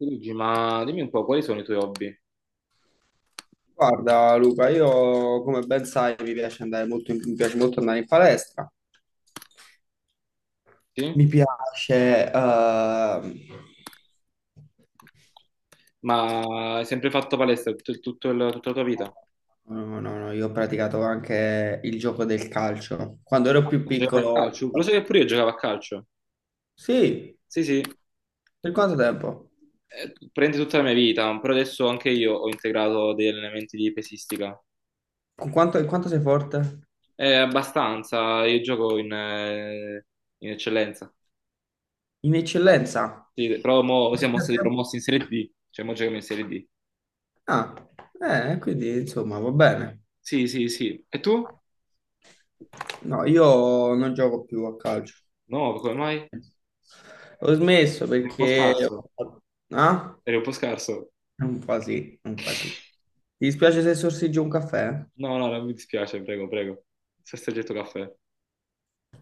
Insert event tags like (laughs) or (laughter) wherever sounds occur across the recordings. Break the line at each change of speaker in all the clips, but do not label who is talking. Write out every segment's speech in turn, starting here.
Luigi, ma dimmi un po', quali sono i tuoi hobby?
Guarda Luca, io come ben sai mi piace molto andare in palestra,
Sì?
mi piace... ehm,
Ma hai sempre fatto palestra tutta la tua vita?
no, no, no, io ho praticato anche il gioco del calcio. Quando ero più
Giocavi a
piccolo.
calcio? Lo sai che pure io giocavo a calcio.
Sì,
Sì, sì,
per quanto tempo?
eh, prendi tutta la mia vita, però adesso anche io ho integrato degli allenamenti di pesistica.
In quanto sei forte?
È abbastanza, io gioco in eccellenza.
In eccellenza?
Sì, però mo siamo stati
(laughs)
promossi in Serie D, cioè mo giochiamo in Serie D.
Ah, quindi insomma va bene.
Sì, sì, sì. E tu?
No, io non gioco più a calcio.
No, come mai? Eri
Ho smesso
un po'
perché.
scarso.
Ah?
Eri un po' scarso.
Un po' sì, un po' sì. Ti dispiace se sorseggio un caffè?
No, no, non mi dispiace, prego, prego. Sesto getto caffè. Ma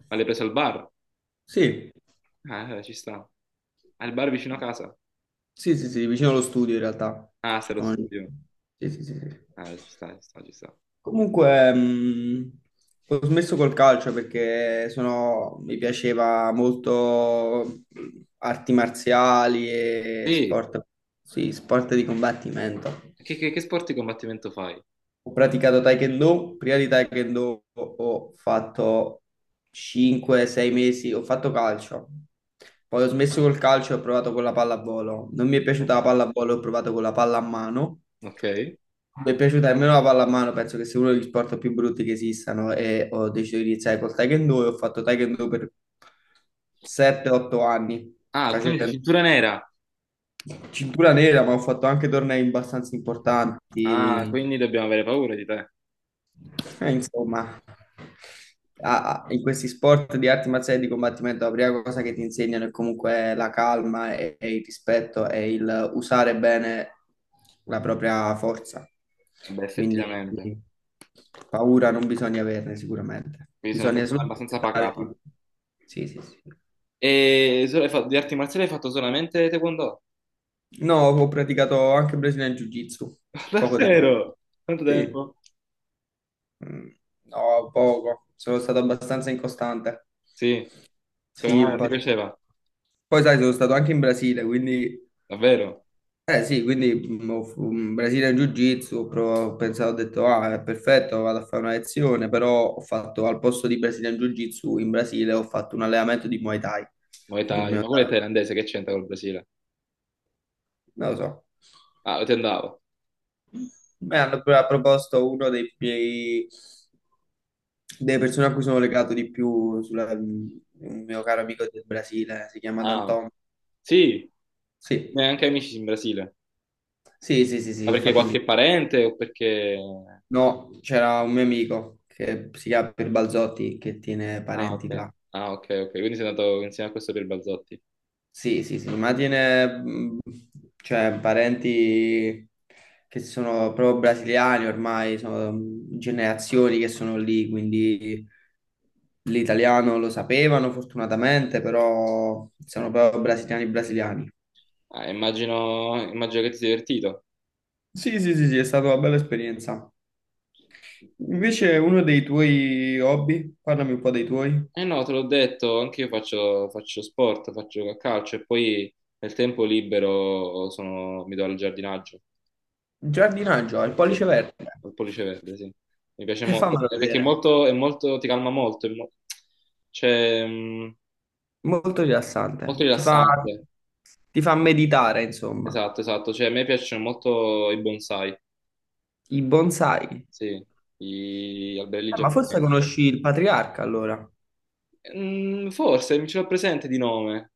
l'hai preso al bar?
Sì,
Ah, ci sta. Al bar vicino a casa?
sì, sì, sì, vicino allo studio in realtà.
Ah, sei allo
Sono-
studio?
Sì, sì, sì, sì.
Ah, ci sta, ci sta, ci sta.
Comunque, ho smesso col calcio perché mi piaceva molto arti marziali e
Sì,
sport, sì, sport di combattimento.
che sport di combattimento fai?
Ho praticato Taekwondo, prima di Taekwondo ho fatto 5-6 mesi, ho fatto calcio. Poi ho smesso col calcio e ho provato con la pallavolo. Non mi è piaciuta la pallavolo, ho provato con la palla a mano.
Ok.
Non mi è piaciuta nemmeno la palla a mano, penso che sia uno degli sport più brutti che esistano e ho deciso di iniziare col Taekwondo e ho fatto Taekwondo per 7-8 anni,
Ah, quindi sei
facendo
cintura nera.
cintura nera, ma ho fatto anche tornei abbastanza
Ah,
importanti.
quindi dobbiamo avere paura di te.
Insomma, in questi sport di arti marziali di combattimento, la prima cosa che ti insegnano è comunque la calma e il rispetto e il usare bene la propria forza.
Eh beh,
Quindi
effettivamente.
paura non bisogna averne sicuramente.
Quindi sei una
Bisogna
persona
solo
abbastanza
rispettare
pacata.
tutto. Sì, sì, sì.
E di arti marziali hai fatto solamente taekwondo?
No, ho praticato anche Brazilian Jiu-Jitsu
(laughs)
poco tempo fa.
Davvero? Quanto
Sì,
tempo?
Mm, no, poco. Sono stato abbastanza incostante.
Sì, come
Sì,
mai
un
non ti
po', sì.
piaceva?
Poi sai, sono stato anche in Brasile, quindi.
Davvero?
Eh sì, quindi in Brasile in Jiu-Jitsu, ho pensato, ho detto, ah, è perfetto, vado a fare una lezione, però ho fatto, al posto di Brasile in Jiu-Jitsu, in Brasile ho fatto un allenamento di Muay Thai
Muay
con un
Thai,
mio
ma quello è
caro.
thailandese, che c'entra col Brasile?
Non lo so.
Ah, ti andavo.
Mi hanno proposto delle persone a cui sono legato di più, un mio caro amico del Brasile, si chiama
Ah,
Danton.
sì,
Sì,
ne anche amici in Brasile.
sì, sì, sì, sì,
Ma
ho
perché
fatto amici.
qualche parente o perché...
No, c'era un mio amico che si chiama Pier Balzotti che tiene
Ah, ok.
parenti là.
Ah, ok, ok. Quindi sei andato insieme a questo per Balzotti.
Sì, sì, sì, ma tiene cioè, parenti che sono proprio brasiliani ormai, sono generazioni che sono lì, quindi l'italiano lo sapevano fortunatamente, però sono proprio brasiliani brasiliani.
Ah, immagino, immagino che ti sia divertito.
Sì, sì, sì, sì, è stata una bella esperienza. Invece uno dei tuoi hobby, parlami un po' dei tuoi.
Eh no, te l'ho detto, anche io faccio sport, faccio a calcio e poi nel tempo libero mi do al giardinaggio.
Giardinaggio, il
Sì.
pollice verde.
Al pollice verde, sì. Mi piace
E
molto,
fammelo
perché è
vedere.
molto, ti calma molto, cioè,
Molto
molto
rilassante. Ti fa,
rilassante,
ti fa meditare, insomma.
esatto, esatto. Cioè, a me piacciono molto i bonsai,
I bonsai.
sì, gli alberelli
Ma
giapponesi.
forse conosci il Patriarca, allora.
Mm, forse mi ce l'ho presente di nome.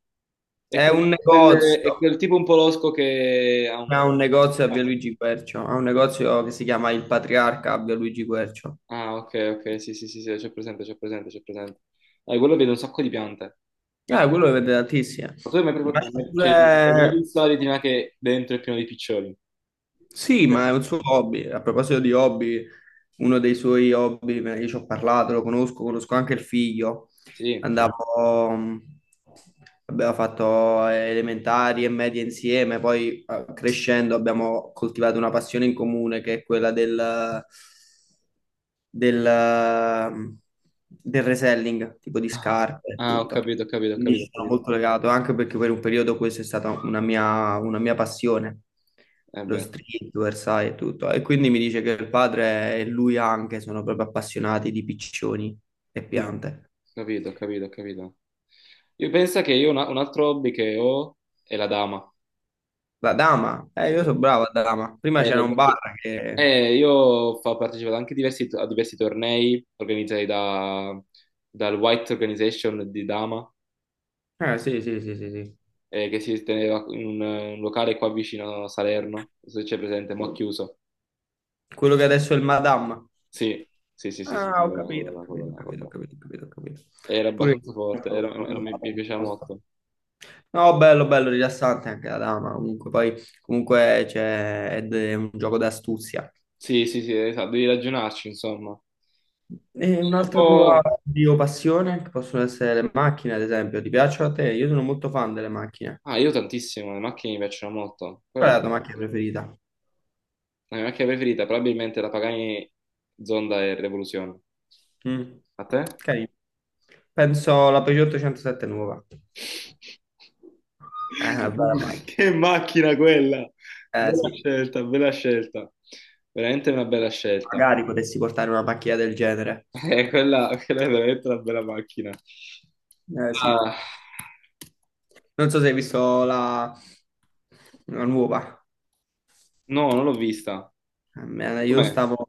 È
È
quel,
un
è
negozio.
quel tipo un po' losco che ha un...
Ha un negozio a Via Luigi Quercio. Ha un negozio che si chiama Il Patriarca a Via Luigi Quercio.
Ah, ok, ok, sì, sì, sì, sì, c'è presente, c'è presente, c'è presente. Ah, quello vede un sacco di piante.
Quello lo vende tantissimo.
Ma tu hai mai,
Ma
provato- hai
c'è
mai- cioè, hai mai
pure.
visto la retina che dentro è pieno di piccioni?
Sì, ma è un suo hobby. A proposito di hobby, uno dei suoi hobby, io ci ho parlato, lo conosco, conosco anche il figlio.
Sì.
Andavo, abbiamo fatto elementari e medie insieme, poi crescendo abbiamo coltivato una passione in comune che è quella del, mm, del reselling, tipo di
Ah,
scarpe e
ah, ho
tutto.
capito, ho capito, ho
Quindi
capito,
ci
ho
sono
capito.
molto legato, anche perché per un periodo questa è stata una mia passione,
Eh
lo
beh,
streetwear, sai, e tutto. E quindi mi dice che il padre e lui anche sono proprio appassionati di piccioni e
mm,
piante.
capito, ho capito, ho capito. Io penso che un altro hobby che ho è la dama.
La dama, io
Sì.
sono bravo a dama. Prima
Eh,
c'era un
perché-
bar che.
io ho partecipato anche a diversi tornei organizzati dal White Organization di Dama,
Sì, sì, sì, sì, sì.
che si teneva in un locale qua vicino a Salerno, non so se c'è presente, ma chiuso.
Quello che adesso è il Madame.
Sì, sì, sì, sì, sì,
Ah, ho
quello là, quello
capito, ho
là, quello
capito, ho
là, quello
capito, ho
là.
capito, ho capito. Ho capito.
Era abbastanza forte, mi piaceva
Pure.
molto.
No, bello, bello, rilassante anche la dama. Comunque, poi, comunque c'è, ed è un gioco d'astuzia.
Sì, sì, sì, esatto, devi ragionarci, insomma.
E
È un
un'altra tua
po',
passione, che possono essere le macchine, ad esempio, ti piacciono a te? Io sono molto fan delle macchine.
ah, io tantissimo, le macchine mi piacciono molto. Quella
Qual è
è
la tua macchina preferita?
la mia macchina preferita, probabilmente la Pagani Zonda e Revoluzione.
Mm.
A te?
Carino. Penso la Peugeot 807 nuova.
(laughs)
È una bella macchina.
Che macchina quella!
Eh
Bella
sì,
scelta, bella scelta. Veramente una bella scelta. (laughs)
magari potessi portare una macchina del genere.
Quella, è veramente una bella macchina.
Eh sì.
Ah,
Non so se hai visto la, nuova.
no, non l'ho vista.
Io
Com'è?
stavo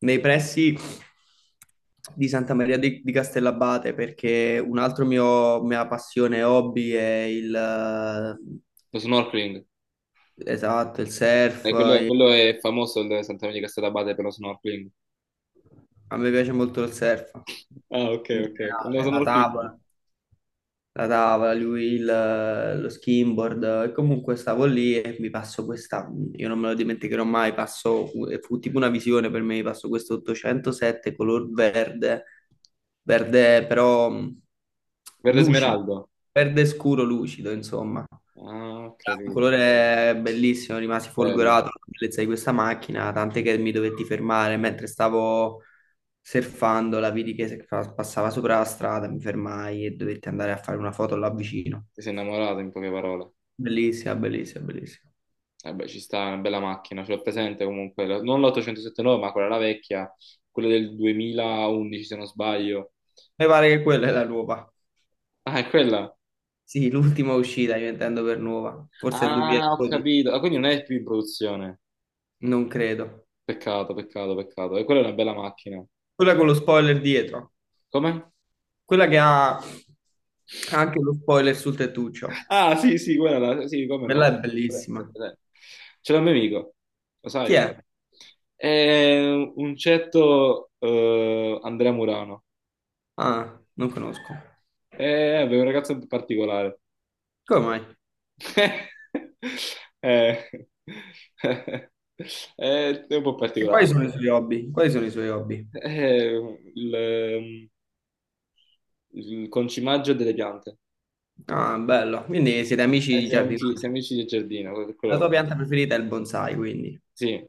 nei pressi di Santa Maria di Castellabate perché un altro mio mia passione e hobby è il
Lo snorkeling.
esatto, il surf.
Quello,
il-
quello è famoso il Sant'Antonio di Castellabate per lo snorkeling.
A me piace molto il surf
Ah, ok,
in
ok, ok. No,
generale,
sono
la tavola.
rocchino.
La tavola, lui lo skimboard e comunque stavo lì e mi passo questa, io non me lo dimenticherò mai, passo, fu tipo una visione per me, passo questo 807 color verde, verde però
Verde
lucido,
smeraldo.
verde scuro lucido, insomma.
Ah, ho
Un
capito.
colore bellissimo, rimasi
Bella.
folgorato dalla bellezza di questa macchina, tant'è che mi dovetti fermare mentre stavo surfando, la vidi che passava sopra la strada, mi fermai e dovetti andare a fare una foto là vicino.
Ti sei innamorato in poche parole.
Bellissima, bellissima, bellissima.
Eh beh, ci sta, è una bella macchina, ce l'ho presente comunque. Non l'879, ma quella la vecchia, quella del 2011 se non sbaglio.
Mi pare che quella è la nuova.
Ah, è quella.
Sì, l'ultima uscita, io intendo per nuova. Forse il
Ah, ho
2012,
capito. Ah, quindi non è più in produzione.
non credo.
Peccato, peccato, peccato. E quella è una bella macchina.
Quella con lo spoiler dietro,
Come?
quella che ha anche lo spoiler sul tettuccio.
Ah, sì, sì, quella, sì, come
Quella
no.
è
Presente,
bellissima.
presente. Ce l'ho un mio amico, lo
Chi
sai?
è?
È un certo Andrea Murano.
Ah, non conosco.
È un ragazzo particolare.
Come mai?
(laughs) Eh, eh, è un po'
E quali
particolare.
sono i suoi hobby? Quali sono i suoi hobby?
È il, il concimaggio delle piante.
Ah, bello. Quindi siete amici di giardinaggio.
Siamo amici del giardino, per quello
La tua
lo conosco.
pianta preferita è il bonsai, quindi.
Sì,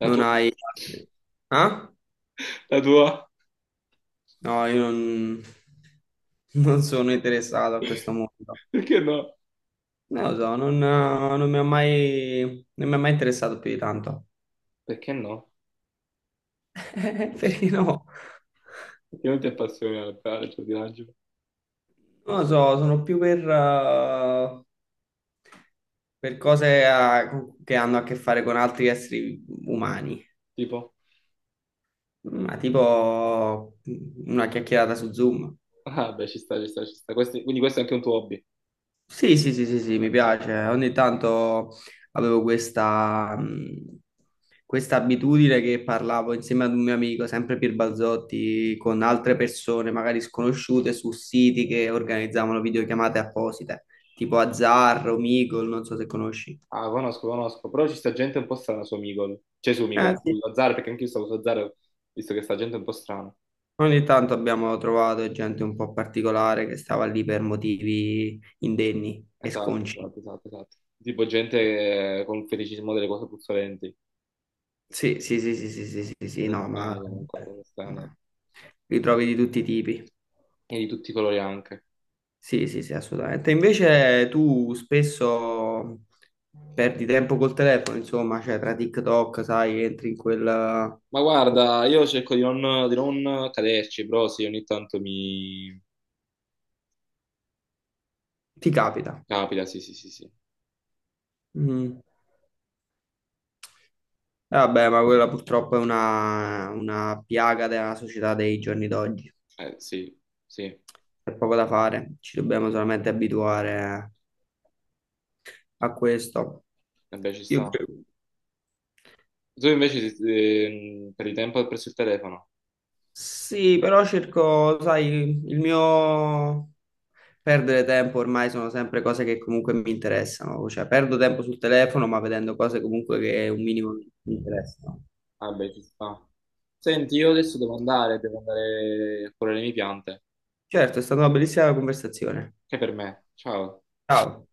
la
Non
tua?
hai
(laughs)
altri. Ah?
La tua?
No, io non sono interessato a questo mondo.
Perché no?
Non lo so, non mi ha mai, non mi ha mai interessato più di tanto.
Perché no?
(laughs) Perché no?
Perché non ti appassiona il giardinaggio?
Non lo so, sono più per cose che hanno a che fare con altri esseri umani.
Tipo?
Ma tipo una chiacchierata su Zoom.
Ah, beh, ci sta, ci sta, ci sta. Quindi questo è anche un tuo hobby.
Sì, sì, sì, sì, sì, mi piace. Ogni tanto avevo questa abitudine che parlavo insieme ad un mio amico, sempre Pier Balzotti, con altre persone, magari sconosciute, su siti che organizzavano videochiamate apposite, tipo Azzarro, Meagle, non so se conosci.
Ah, conosco, conosco. Però ci sta gente un po' strana su Micol. Cioè su
Eh
Micol, su
sì.
Azzaro, perché anch'io stavo su Azzaro, visto che sta gente un po' strana.
Ogni tanto abbiamo trovato gente un po' particolare che stava lì per motivi indenni e
Esatto,
sconci.
esatto, esatto, esatto. Tipo gente con un feticismo delle cose puzzolenti.
Sì, sì, sì, sì, sì, sì, sì, sì, sì,
Cose
no, ma
strane comunque, cose strane.
ma li trovi di tutti i tipi.
E di tutti i colori anche.
Sì, sì, sì, assolutamente. Invece tu spesso perdi tempo col telefono, insomma, cioè tra TikTok, sai, entri in quella.
Ma guarda, io cerco di non, caderci, però sì, ogni tanto mi
Ti capita.
capita, sì, sì, sì, sì.
Mm. Vabbè, ma quella purtroppo è una piaga della società dei giorni d'oggi.
Sì, sì,
C'è poco da fare, ci dobbiamo solamente abituare a questo.
vabbè, ci
Io.
sta. Tu invece perdi tempo presso il telefono?
Sì, però cerco, sai, il mio perdere tempo ormai sono sempre cose che comunque mi interessano, cioè perdo tempo sul telefono ma vedendo cose comunque che un minimo mi interessano.
Vabbè, ci sta. Senti, io adesso devo andare a curare le mie piante.
Certo, è stata una bellissima conversazione.
Che per me. Ciao.
Ciao.